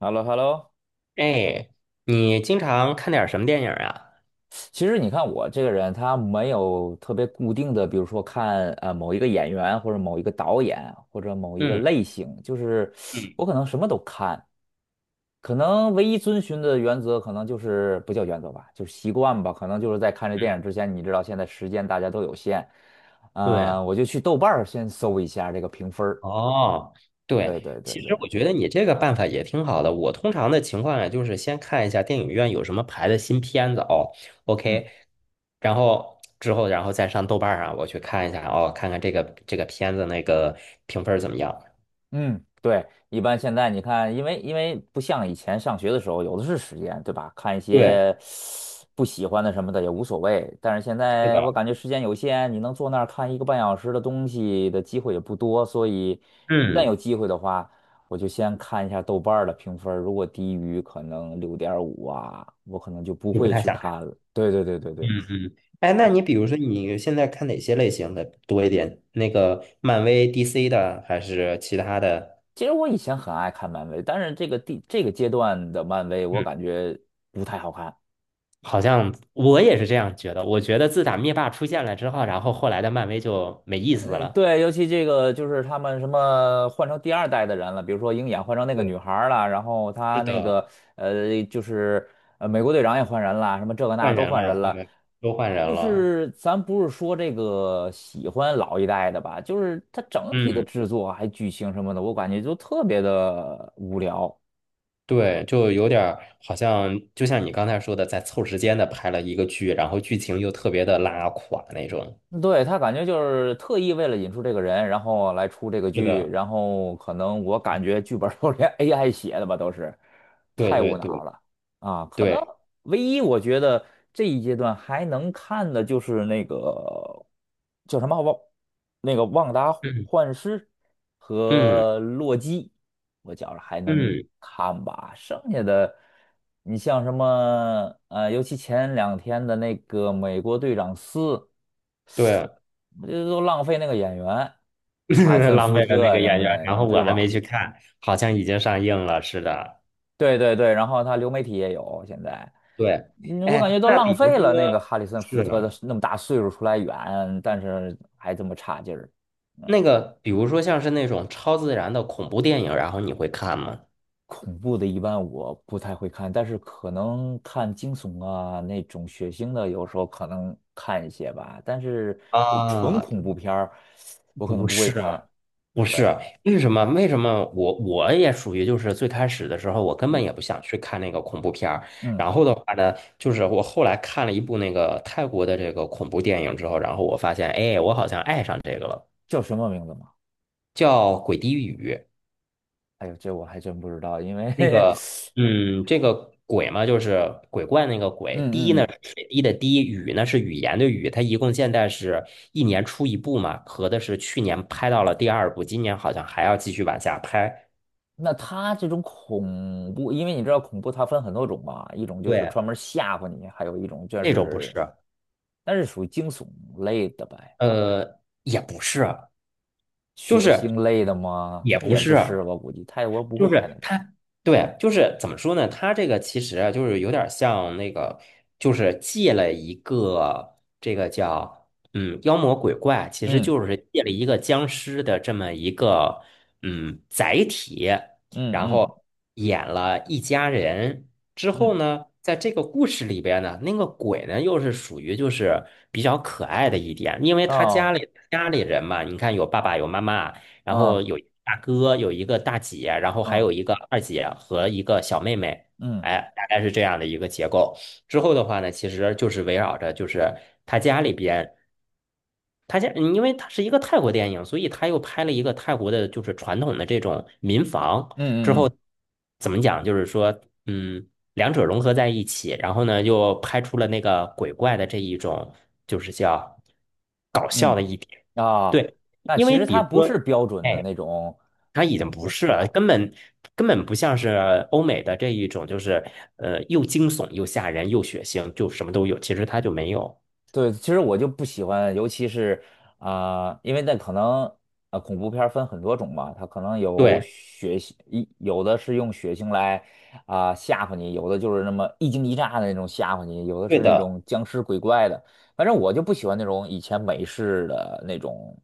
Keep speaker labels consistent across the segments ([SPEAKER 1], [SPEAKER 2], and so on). [SPEAKER 1] h e l l o h e l l o
[SPEAKER 2] 哎，你经常看点儿什么电影啊？
[SPEAKER 1] 其实你看我这个人，他没有特别固定的，比如说看某一个演员或者某一个导演或者某一个
[SPEAKER 2] 嗯
[SPEAKER 1] 类型，就是
[SPEAKER 2] 嗯
[SPEAKER 1] 我可能什么都看，可能唯一遵循的原则可能就是不叫原则吧，就是习惯吧，可能就是在看这电
[SPEAKER 2] 嗯，
[SPEAKER 1] 影之前，你知道现在时间大家都有限，
[SPEAKER 2] 对，
[SPEAKER 1] 我就去豆瓣儿先搜一下这个评分儿。
[SPEAKER 2] 哦，
[SPEAKER 1] 对
[SPEAKER 2] 对，
[SPEAKER 1] 对对
[SPEAKER 2] 其
[SPEAKER 1] 对，
[SPEAKER 2] 实我觉得你这个办法也挺好的。我通常的情况呀，就是先看一下电影院有什么排的新片子哦
[SPEAKER 1] 嗯。
[SPEAKER 2] ，OK，然后之后然后再上豆瓣儿上我去看一下哦，看看这个片子那个评分儿怎么样。
[SPEAKER 1] 嗯，对，一般现在你看，因为不像以前上学的时候，有的是时间，对吧？看一
[SPEAKER 2] 对，
[SPEAKER 1] 些不喜欢的什么的也无所谓。但是现
[SPEAKER 2] 是
[SPEAKER 1] 在我
[SPEAKER 2] 的，
[SPEAKER 1] 感觉时间有限，你能坐那儿看一个半小时的东西的机会也不多，所以一旦
[SPEAKER 2] 嗯，
[SPEAKER 1] 有机会的话，我就先看一下豆瓣儿的评分儿如果低于可能六点五啊，我可能就不
[SPEAKER 2] 就不
[SPEAKER 1] 会
[SPEAKER 2] 太
[SPEAKER 1] 去
[SPEAKER 2] 想看。
[SPEAKER 1] 看了。对对对对
[SPEAKER 2] 嗯
[SPEAKER 1] 对。
[SPEAKER 2] 嗯。哎，那你比如说你现在看哪些类型的多一点？那个漫威、DC 的，还是其他的？
[SPEAKER 1] 其实我以前很爱看漫威，但是这个这个阶段的漫威，我
[SPEAKER 2] 嗯，
[SPEAKER 1] 感觉不太好看。
[SPEAKER 2] 好像我也是这样觉得。我觉得自打灭霸出现了之后，然后后来的漫威就没意思
[SPEAKER 1] 嗯，
[SPEAKER 2] 了。
[SPEAKER 1] 对，尤其这个就是他们什么换成第二代的人了，比如说鹰眼换成那个女
[SPEAKER 2] 对，
[SPEAKER 1] 孩儿了，然后他
[SPEAKER 2] 是
[SPEAKER 1] 那
[SPEAKER 2] 的，
[SPEAKER 1] 个就是美国队长也换人了，什么这个那
[SPEAKER 2] 换
[SPEAKER 1] 都
[SPEAKER 2] 人
[SPEAKER 1] 换
[SPEAKER 2] 了，
[SPEAKER 1] 人
[SPEAKER 2] 后
[SPEAKER 1] 了。
[SPEAKER 2] 面都换人
[SPEAKER 1] 就
[SPEAKER 2] 了。
[SPEAKER 1] 是咱不是说这个喜欢老一代的吧，就是它整体的
[SPEAKER 2] 嗯，
[SPEAKER 1] 制作还剧情什么的，我感觉就特别的无聊。
[SPEAKER 2] 对，就有点儿好像，就像你刚才说的，在凑时间的拍了一个剧，然后剧情又特别的拉垮那种。
[SPEAKER 1] 对，他感觉就是特意为了引出这个人，然后来出这个
[SPEAKER 2] 是
[SPEAKER 1] 剧，
[SPEAKER 2] 的，
[SPEAKER 1] 然后可能我感觉剧本儿都连 AI 写的吧，都是
[SPEAKER 2] 对
[SPEAKER 1] 太无
[SPEAKER 2] 对
[SPEAKER 1] 脑
[SPEAKER 2] 对
[SPEAKER 1] 了啊！可能
[SPEAKER 2] 对，
[SPEAKER 1] 唯一我觉得这一阶段还能看的就是那个叫什么旺，那个旺达
[SPEAKER 2] 嗯
[SPEAKER 1] 幻视
[SPEAKER 2] 嗯
[SPEAKER 1] 和洛基，我觉着还能
[SPEAKER 2] 嗯，
[SPEAKER 1] 看吧，剩下的。你像什么，尤其前两天的那个《美国队长四》，
[SPEAKER 2] 对。
[SPEAKER 1] 这都浪费那个演员，哈里 森
[SPEAKER 2] 浪
[SPEAKER 1] 福
[SPEAKER 2] 费了那
[SPEAKER 1] 特
[SPEAKER 2] 个
[SPEAKER 1] 什
[SPEAKER 2] 演
[SPEAKER 1] 么
[SPEAKER 2] 员，
[SPEAKER 1] 的，
[SPEAKER 2] 然后
[SPEAKER 1] 对
[SPEAKER 2] 我还没
[SPEAKER 1] 吧？
[SPEAKER 2] 去看，好像已经上映了，似的，
[SPEAKER 1] 对对对，然后他流媒体也有现在，
[SPEAKER 2] 对，
[SPEAKER 1] 嗯我感觉
[SPEAKER 2] 哎，
[SPEAKER 1] 都
[SPEAKER 2] 那比
[SPEAKER 1] 浪
[SPEAKER 2] 如
[SPEAKER 1] 费了那个
[SPEAKER 2] 说，
[SPEAKER 1] 哈里森
[SPEAKER 2] 是
[SPEAKER 1] 福特的
[SPEAKER 2] 的，
[SPEAKER 1] 那么大岁数出来演，但是还这么差劲儿。嗯，
[SPEAKER 2] 那个，比如说像是那种超自然的恐怖电影，然后你会看吗？
[SPEAKER 1] 恐怖的一般我不太会看，但是可能看惊悚啊那种血腥的，有时候可能看一些吧。但是就纯
[SPEAKER 2] 啊，
[SPEAKER 1] 恐怖片儿，我可能
[SPEAKER 2] 不
[SPEAKER 1] 不会
[SPEAKER 2] 是，
[SPEAKER 1] 看。
[SPEAKER 2] 不
[SPEAKER 1] 对，
[SPEAKER 2] 是，为什么？为什么我也属于就是最开始的时候，我根本
[SPEAKER 1] 嗯
[SPEAKER 2] 也不想去看那个恐怖片儿。
[SPEAKER 1] 嗯，
[SPEAKER 2] 然后的话呢，就是我后来看了一部那个泰国的这个恐怖电影之后，然后我发现，哎，我好像爱上这个了，
[SPEAKER 1] 叫什么名字吗？
[SPEAKER 2] 叫《鬼地狱》。
[SPEAKER 1] 哎呦，这我还真不知道，因
[SPEAKER 2] 那
[SPEAKER 1] 为
[SPEAKER 2] 个，嗯，这个鬼嘛，就是鬼怪那个
[SPEAKER 1] 嗯
[SPEAKER 2] 鬼。滴
[SPEAKER 1] 嗯
[SPEAKER 2] 呢
[SPEAKER 1] 嗯，
[SPEAKER 2] 是水滴的滴，雨呢是语言的语。它一共现在是一年出一部嘛，合的是去年拍到了第二部，今年好像还要继续往下拍。
[SPEAKER 1] 那他这种恐怖，因为你知道恐怖它分很多种嘛，一种就是
[SPEAKER 2] 对，
[SPEAKER 1] 专门吓唬你，还有一种就
[SPEAKER 2] 这种不是，
[SPEAKER 1] 是，但是属于惊悚类的呗，
[SPEAKER 2] 也不是，就
[SPEAKER 1] 血
[SPEAKER 2] 是
[SPEAKER 1] 腥类的吗？
[SPEAKER 2] 也
[SPEAKER 1] 他
[SPEAKER 2] 不
[SPEAKER 1] 也不
[SPEAKER 2] 是。
[SPEAKER 1] 是，我估计泰国不会
[SPEAKER 2] 就
[SPEAKER 1] 拍那
[SPEAKER 2] 是
[SPEAKER 1] 种。
[SPEAKER 2] 他，对，就是怎么说呢？他这个其实啊就是有点儿像那个，就是借了一个这个叫妖魔鬼怪，其实
[SPEAKER 1] 嗯
[SPEAKER 2] 就是借了一个僵尸的这么一个载体，
[SPEAKER 1] 嗯
[SPEAKER 2] 然
[SPEAKER 1] 嗯
[SPEAKER 2] 后演了一家人之
[SPEAKER 1] 嗯，嗯
[SPEAKER 2] 后呢，在这个故事里边呢，那个鬼呢又是属于就是比较可爱的一点，因为他家
[SPEAKER 1] 哦，
[SPEAKER 2] 里家里人嘛，你看有爸爸有妈妈。然后
[SPEAKER 1] 嗯
[SPEAKER 2] 有一个大哥，有一个大姐，然后还
[SPEAKER 1] 嗯
[SPEAKER 2] 有一个二姐和一个小妹妹，
[SPEAKER 1] 嗯
[SPEAKER 2] 哎，大概是这样的一个结构。之后的话呢，其实就是围绕着就是他家里边，他家因为他是一个泰国电影，所以他又拍了一个泰国的，就是传统的这种民房。之
[SPEAKER 1] 嗯
[SPEAKER 2] 后
[SPEAKER 1] 嗯
[SPEAKER 2] 怎么讲，就是说，嗯，两者融合在一起，然后呢，又拍出了那个鬼怪的这一种，就是叫搞笑
[SPEAKER 1] 嗯
[SPEAKER 2] 的一点。
[SPEAKER 1] 嗯啊，
[SPEAKER 2] 对，
[SPEAKER 1] 那
[SPEAKER 2] 因
[SPEAKER 1] 其
[SPEAKER 2] 为
[SPEAKER 1] 实
[SPEAKER 2] 比
[SPEAKER 1] 它
[SPEAKER 2] 如
[SPEAKER 1] 不是
[SPEAKER 2] 说。
[SPEAKER 1] 标准的
[SPEAKER 2] 哎。
[SPEAKER 1] 那种
[SPEAKER 2] 它已经
[SPEAKER 1] 恐
[SPEAKER 2] 不
[SPEAKER 1] 怖
[SPEAKER 2] 是
[SPEAKER 1] 片。
[SPEAKER 2] 了，根本不像是欧美的这一种，就是又惊悚又吓人又血腥，就什么都有。其实它就没有。
[SPEAKER 1] 对，其实我就不喜欢，尤其是啊、因为那可能啊恐怖片儿分很多种嘛，它可能有
[SPEAKER 2] 对，
[SPEAKER 1] 血腥，一有的是用血腥来啊、吓唬你，有的就是那么一惊一乍的那种吓唬你，有的
[SPEAKER 2] 对
[SPEAKER 1] 是那
[SPEAKER 2] 的，
[SPEAKER 1] 种僵尸鬼怪的，反正我就不喜欢那种以前美式的那种，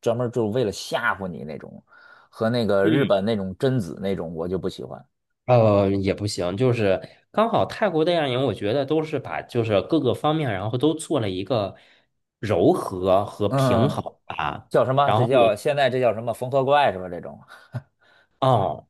[SPEAKER 1] 专门儿就是为了吓唬你那种，和那个日
[SPEAKER 2] 嗯，
[SPEAKER 1] 本那种贞子那种我就不喜欢。
[SPEAKER 2] 也不行，就是刚好泰国电影，我觉得都是把就是各个方面，然后都做了一个柔和和平
[SPEAKER 1] 嗯，
[SPEAKER 2] 衡吧。
[SPEAKER 1] 叫什么？
[SPEAKER 2] 然
[SPEAKER 1] 这
[SPEAKER 2] 后我，
[SPEAKER 1] 叫现在这叫什么缝合怪是吧？这种，
[SPEAKER 2] 哦。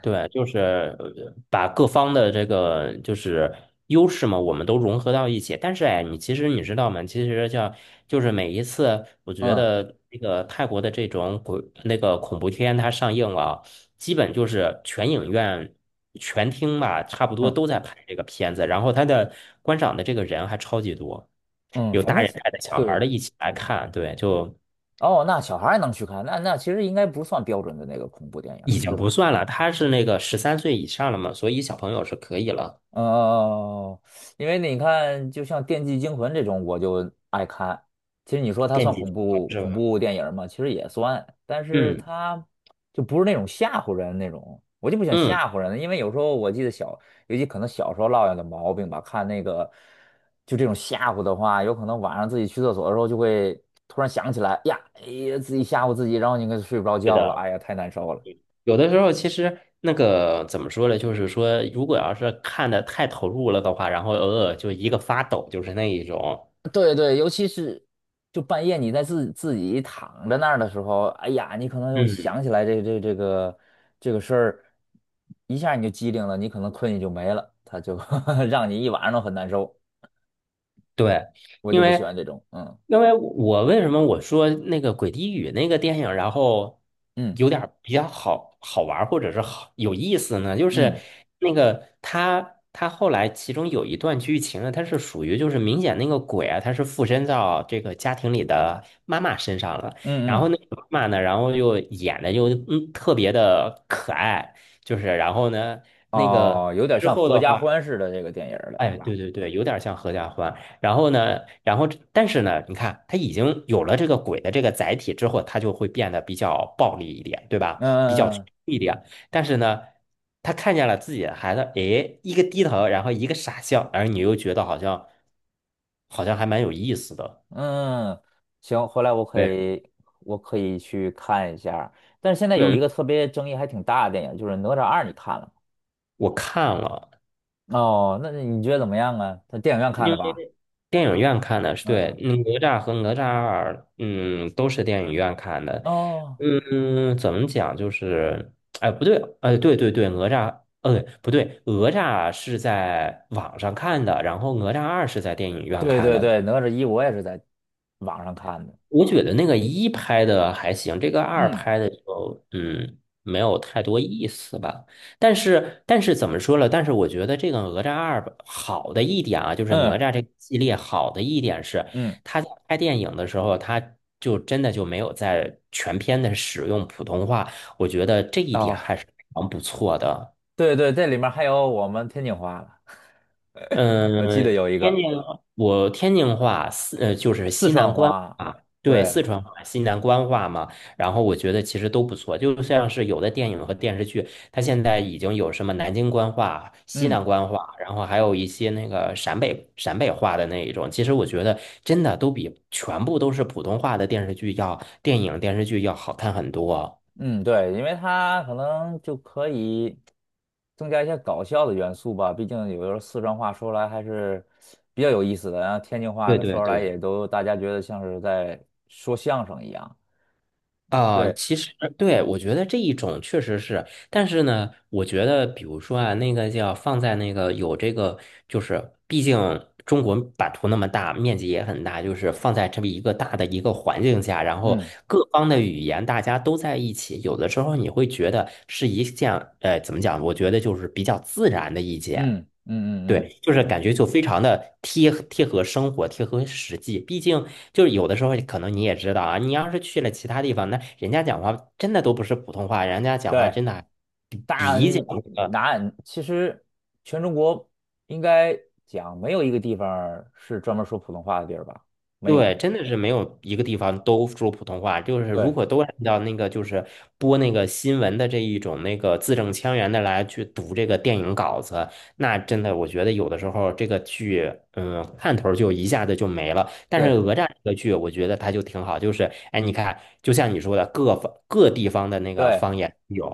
[SPEAKER 2] 对，就是把各方的这个就是优势嘛，我们都融合到一起。但是哎，你其实你知道吗？其实像就是每一次，我觉
[SPEAKER 1] 嗯。
[SPEAKER 2] 得那个泰国的这种鬼那个恐怖片它上映了，基本就是全影院全厅吧，差不多
[SPEAKER 1] 嗯
[SPEAKER 2] 都在拍这个片子。然后它的观赏的这个人还超级多，
[SPEAKER 1] 嗯，
[SPEAKER 2] 有
[SPEAKER 1] 反
[SPEAKER 2] 大
[SPEAKER 1] 正
[SPEAKER 2] 人带着小孩儿的
[SPEAKER 1] 对
[SPEAKER 2] 一起来看，对，就
[SPEAKER 1] 哦，那小孩儿也能去看，那其实应该不算标准的那个恐怖电影
[SPEAKER 2] 已
[SPEAKER 1] 儿，
[SPEAKER 2] 经
[SPEAKER 1] 对
[SPEAKER 2] 不
[SPEAKER 1] 吧？
[SPEAKER 2] 算了。他是那个13岁以上了嘛，所以小朋友是可以了。
[SPEAKER 1] 哦，因为你看，就像《电锯惊魂》这种，我就爱看。其实你说它
[SPEAKER 2] 电
[SPEAKER 1] 算
[SPEAKER 2] 极
[SPEAKER 1] 恐
[SPEAKER 2] 循环
[SPEAKER 1] 怖
[SPEAKER 2] 是
[SPEAKER 1] 恐
[SPEAKER 2] 吧？
[SPEAKER 1] 怖电影吗？其实也算，但是
[SPEAKER 2] 嗯
[SPEAKER 1] 它就不是那种吓唬人那种。我就不想
[SPEAKER 2] 嗯，
[SPEAKER 1] 吓唬人，因为有时候我记得小，尤其可能小时候落下的毛病吧，看那个就这种吓唬的话，有可能晚上自己去厕所的时候就会突然想起来，哎呀，哎呀，自己吓唬自己，然后你可睡不着
[SPEAKER 2] 对
[SPEAKER 1] 觉了，
[SPEAKER 2] 的。
[SPEAKER 1] 哎呀，太难受了。
[SPEAKER 2] 有的时候其实那个怎么说呢，就是说，如果要是看的太投入了的话，然后偶尔就一个发抖，就是那一种。
[SPEAKER 1] 对对，尤其是就半夜你在自己躺着那儿的时候，哎呀，你可能又
[SPEAKER 2] 嗯。
[SPEAKER 1] 想起来这个事儿，一下你就机灵了，你可能困意就没了，他就 让你一晚上都很难受。
[SPEAKER 2] 对，
[SPEAKER 1] 我就
[SPEAKER 2] 因
[SPEAKER 1] 不喜欢
[SPEAKER 2] 为
[SPEAKER 1] 这种，嗯
[SPEAKER 2] 因为我为什么我说那个《鬼地狱》那个电影，然后
[SPEAKER 1] 嗯
[SPEAKER 2] 有点儿比较好好玩儿或者是好有意思呢？就是
[SPEAKER 1] 嗯
[SPEAKER 2] 那个他后来其中有一段剧情呢，它是属于就是明显那个鬼啊，他是附身到这个家庭里的妈妈身上了，
[SPEAKER 1] 嗯
[SPEAKER 2] 然
[SPEAKER 1] 嗯，
[SPEAKER 2] 后那个妈妈呢，然后又演的又特别的可爱，就是然后呢那个
[SPEAKER 1] 哦，有点
[SPEAKER 2] 之
[SPEAKER 1] 像
[SPEAKER 2] 后
[SPEAKER 1] 合
[SPEAKER 2] 的
[SPEAKER 1] 家
[SPEAKER 2] 话。
[SPEAKER 1] 欢似的这个电影儿了，是
[SPEAKER 2] 哎，
[SPEAKER 1] 吧？
[SPEAKER 2] 对对对，有点像合家欢。然后呢，然后但是呢，你看，他已经有了这个鬼的这个载体之后，他就会变得比较暴力一点，对吧？比较
[SPEAKER 1] 嗯
[SPEAKER 2] 凶
[SPEAKER 1] 嗯
[SPEAKER 2] 一点。但是呢，他看见了自己的孩子，诶，一个低头，然后一个傻笑，而你又觉得好像还蛮有意思的。
[SPEAKER 1] 嗯，行，回来我可
[SPEAKER 2] 对，
[SPEAKER 1] 以去看一下但是现在有一
[SPEAKER 2] 嗯，
[SPEAKER 1] 个特别争议还挺大的电影，就是《哪吒二》，你看了吗？
[SPEAKER 2] 我看了。
[SPEAKER 1] 哦，那你觉得怎么样啊？在电影院看的吧？
[SPEAKER 2] 电影院看的，是
[SPEAKER 1] 嗯
[SPEAKER 2] 对，
[SPEAKER 1] 嗯。
[SPEAKER 2] 嗯哪吒和哪吒二，嗯，都是电影院看的。
[SPEAKER 1] 哦，
[SPEAKER 2] 嗯，怎么讲？就是，哎，不对，哎，对对对，哪吒，不对，哪吒是在网上看的，然后哪吒二是在电影院
[SPEAKER 1] 对
[SPEAKER 2] 看
[SPEAKER 1] 对
[SPEAKER 2] 的。
[SPEAKER 1] 对，哪吒一我也是在网上看的。
[SPEAKER 2] 我觉得那个一拍的还行，这个二
[SPEAKER 1] 嗯
[SPEAKER 2] 拍的就没有太多意思吧。但是怎么说了？但是我觉得这个哪吒二吧好的一点啊，就是哪
[SPEAKER 1] 嗯
[SPEAKER 2] 吒这个系列好的一点是，
[SPEAKER 1] 嗯。
[SPEAKER 2] 他在拍电影的时候，他就真的就没有在全片的使用普通话，我觉得这一点
[SPEAKER 1] 哦，
[SPEAKER 2] 还是非常不错的。
[SPEAKER 1] 对对，这里面还有我们天津话了，我记得
[SPEAKER 2] 嗯，
[SPEAKER 1] 有一
[SPEAKER 2] 天津，
[SPEAKER 1] 个
[SPEAKER 2] 我天津话，就是
[SPEAKER 1] 四
[SPEAKER 2] 西南
[SPEAKER 1] 川
[SPEAKER 2] 官
[SPEAKER 1] 话，
[SPEAKER 2] 话，对，
[SPEAKER 1] 对，
[SPEAKER 2] 四
[SPEAKER 1] 还有
[SPEAKER 2] 川话、西南官话嘛。然后我觉得其实都不错，就像是有的电影和电视剧，它现在已经有什么南京官话、西
[SPEAKER 1] 嗯。
[SPEAKER 2] 南官话，然后还有一些那个陕北话的那一种。其实我觉得真的都比全部都是普通话的电视剧要电影电视剧要好看很多。
[SPEAKER 1] 嗯，对，因为它可能就可以增加一些搞笑的元素吧，毕竟有的时候四川话说出来还是比较有意思的，然后天津话
[SPEAKER 2] 对
[SPEAKER 1] 它
[SPEAKER 2] 对
[SPEAKER 1] 说出来
[SPEAKER 2] 对。
[SPEAKER 1] 也都大家觉得像是在说相声一样。
[SPEAKER 2] 啊，
[SPEAKER 1] 对，
[SPEAKER 2] 其实对，我觉得这一种确实是，但是呢，我觉得比如说啊，那个叫放在那个有这个，就是毕竟中国版图那么大，面积也很大，就是放在这么一个大的一个环境下，然后
[SPEAKER 1] 嗯
[SPEAKER 2] 各方的语言大家都在一起，有的时候你会觉得是一件，怎么讲？我觉得就是比较自然的意见。
[SPEAKER 1] 嗯嗯嗯嗯，
[SPEAKER 2] 对，就是
[SPEAKER 1] 对
[SPEAKER 2] 感觉就非常的贴合生活，贴合实际。毕竟就是有的时候，可能你也知道啊，你要是去了其他地方，那人家讲话真的都不是普通话，人家讲话
[SPEAKER 1] 对，
[SPEAKER 2] 真的比
[SPEAKER 1] 大
[SPEAKER 2] 比较那个。
[SPEAKER 1] 南其实全中国应该讲没有一个地方儿是专门说普通话的地儿吧？没
[SPEAKER 2] 对，
[SPEAKER 1] 有，
[SPEAKER 2] 真的是没有一个地方都说普通话。就是如
[SPEAKER 1] 对
[SPEAKER 2] 果都按照那个，就是播那个新闻的这一种那个字正腔圆的来去读这个电影稿子，那真的我觉得有的时候这个剧，嗯，看头儿就一下子就没了。但是
[SPEAKER 1] 对
[SPEAKER 2] 哪吒这个剧，我觉得它就挺好，就是哎，你看，就像你说的，各方各地方的那个
[SPEAKER 1] 对。
[SPEAKER 2] 方言有，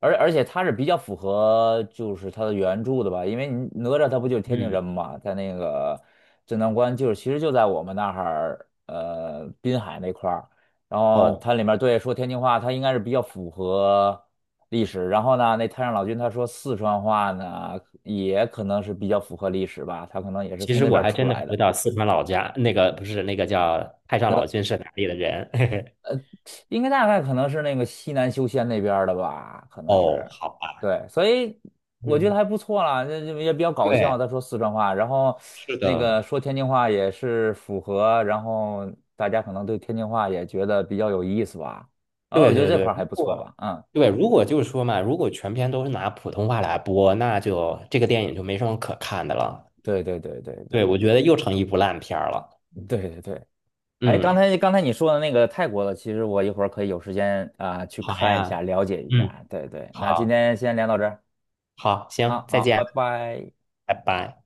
[SPEAKER 1] 而且他是比较符合就是他的原著的吧，因为你哪吒他不就是天津
[SPEAKER 2] 嗯，
[SPEAKER 1] 人嘛，在那个镇南关就是其实就在我们那儿，滨海那块儿，然后
[SPEAKER 2] 哦，
[SPEAKER 1] 它里面对说天津话，它应该是比较符合历史。然后呢，那太上老君他说四川话呢，也可能是比较符合历史吧，他可能也是
[SPEAKER 2] 其
[SPEAKER 1] 从
[SPEAKER 2] 实
[SPEAKER 1] 那
[SPEAKER 2] 我
[SPEAKER 1] 边儿
[SPEAKER 2] 还
[SPEAKER 1] 出
[SPEAKER 2] 真的
[SPEAKER 1] 来
[SPEAKER 2] 不知
[SPEAKER 1] 的。
[SPEAKER 2] 道四川老家那个不是那个叫太上老君是哪里的人，嘿嘿，
[SPEAKER 1] 应该大概可能是那个西南修仙那边儿的吧，可能
[SPEAKER 2] 哦，
[SPEAKER 1] 是，
[SPEAKER 2] 好吧。
[SPEAKER 1] 对，所以我觉得
[SPEAKER 2] 嗯。
[SPEAKER 1] 还不错啦，这也比较搞笑。
[SPEAKER 2] 对，
[SPEAKER 1] 他说四川话，然后
[SPEAKER 2] 是
[SPEAKER 1] 那
[SPEAKER 2] 的，
[SPEAKER 1] 个说天津话也是符合，然后大家可能对天津话也觉得比较有意思吧。然后我
[SPEAKER 2] 对
[SPEAKER 1] 觉得
[SPEAKER 2] 对
[SPEAKER 1] 这
[SPEAKER 2] 对。
[SPEAKER 1] 块儿
[SPEAKER 2] 如
[SPEAKER 1] 还不错
[SPEAKER 2] 果
[SPEAKER 1] 吧，嗯，
[SPEAKER 2] 对，如果就是说嘛，如果全篇都是拿普通话来播，那就这个电影就没什么可看的了。
[SPEAKER 1] 对对对对对
[SPEAKER 2] 对，我觉
[SPEAKER 1] 对
[SPEAKER 2] 得又成一部烂片儿了。
[SPEAKER 1] 对对对。哎，刚
[SPEAKER 2] 嗯，
[SPEAKER 1] 才刚才你说的那个泰国的，其实我一会儿可以有时间啊、去
[SPEAKER 2] 好
[SPEAKER 1] 看一下，
[SPEAKER 2] 呀，
[SPEAKER 1] 了解一
[SPEAKER 2] 嗯，
[SPEAKER 1] 下。对对，那今
[SPEAKER 2] 好，
[SPEAKER 1] 天先聊到这儿
[SPEAKER 2] 好，
[SPEAKER 1] 啊，
[SPEAKER 2] 行，再
[SPEAKER 1] 好，拜
[SPEAKER 2] 见，
[SPEAKER 1] 拜。
[SPEAKER 2] 拜拜。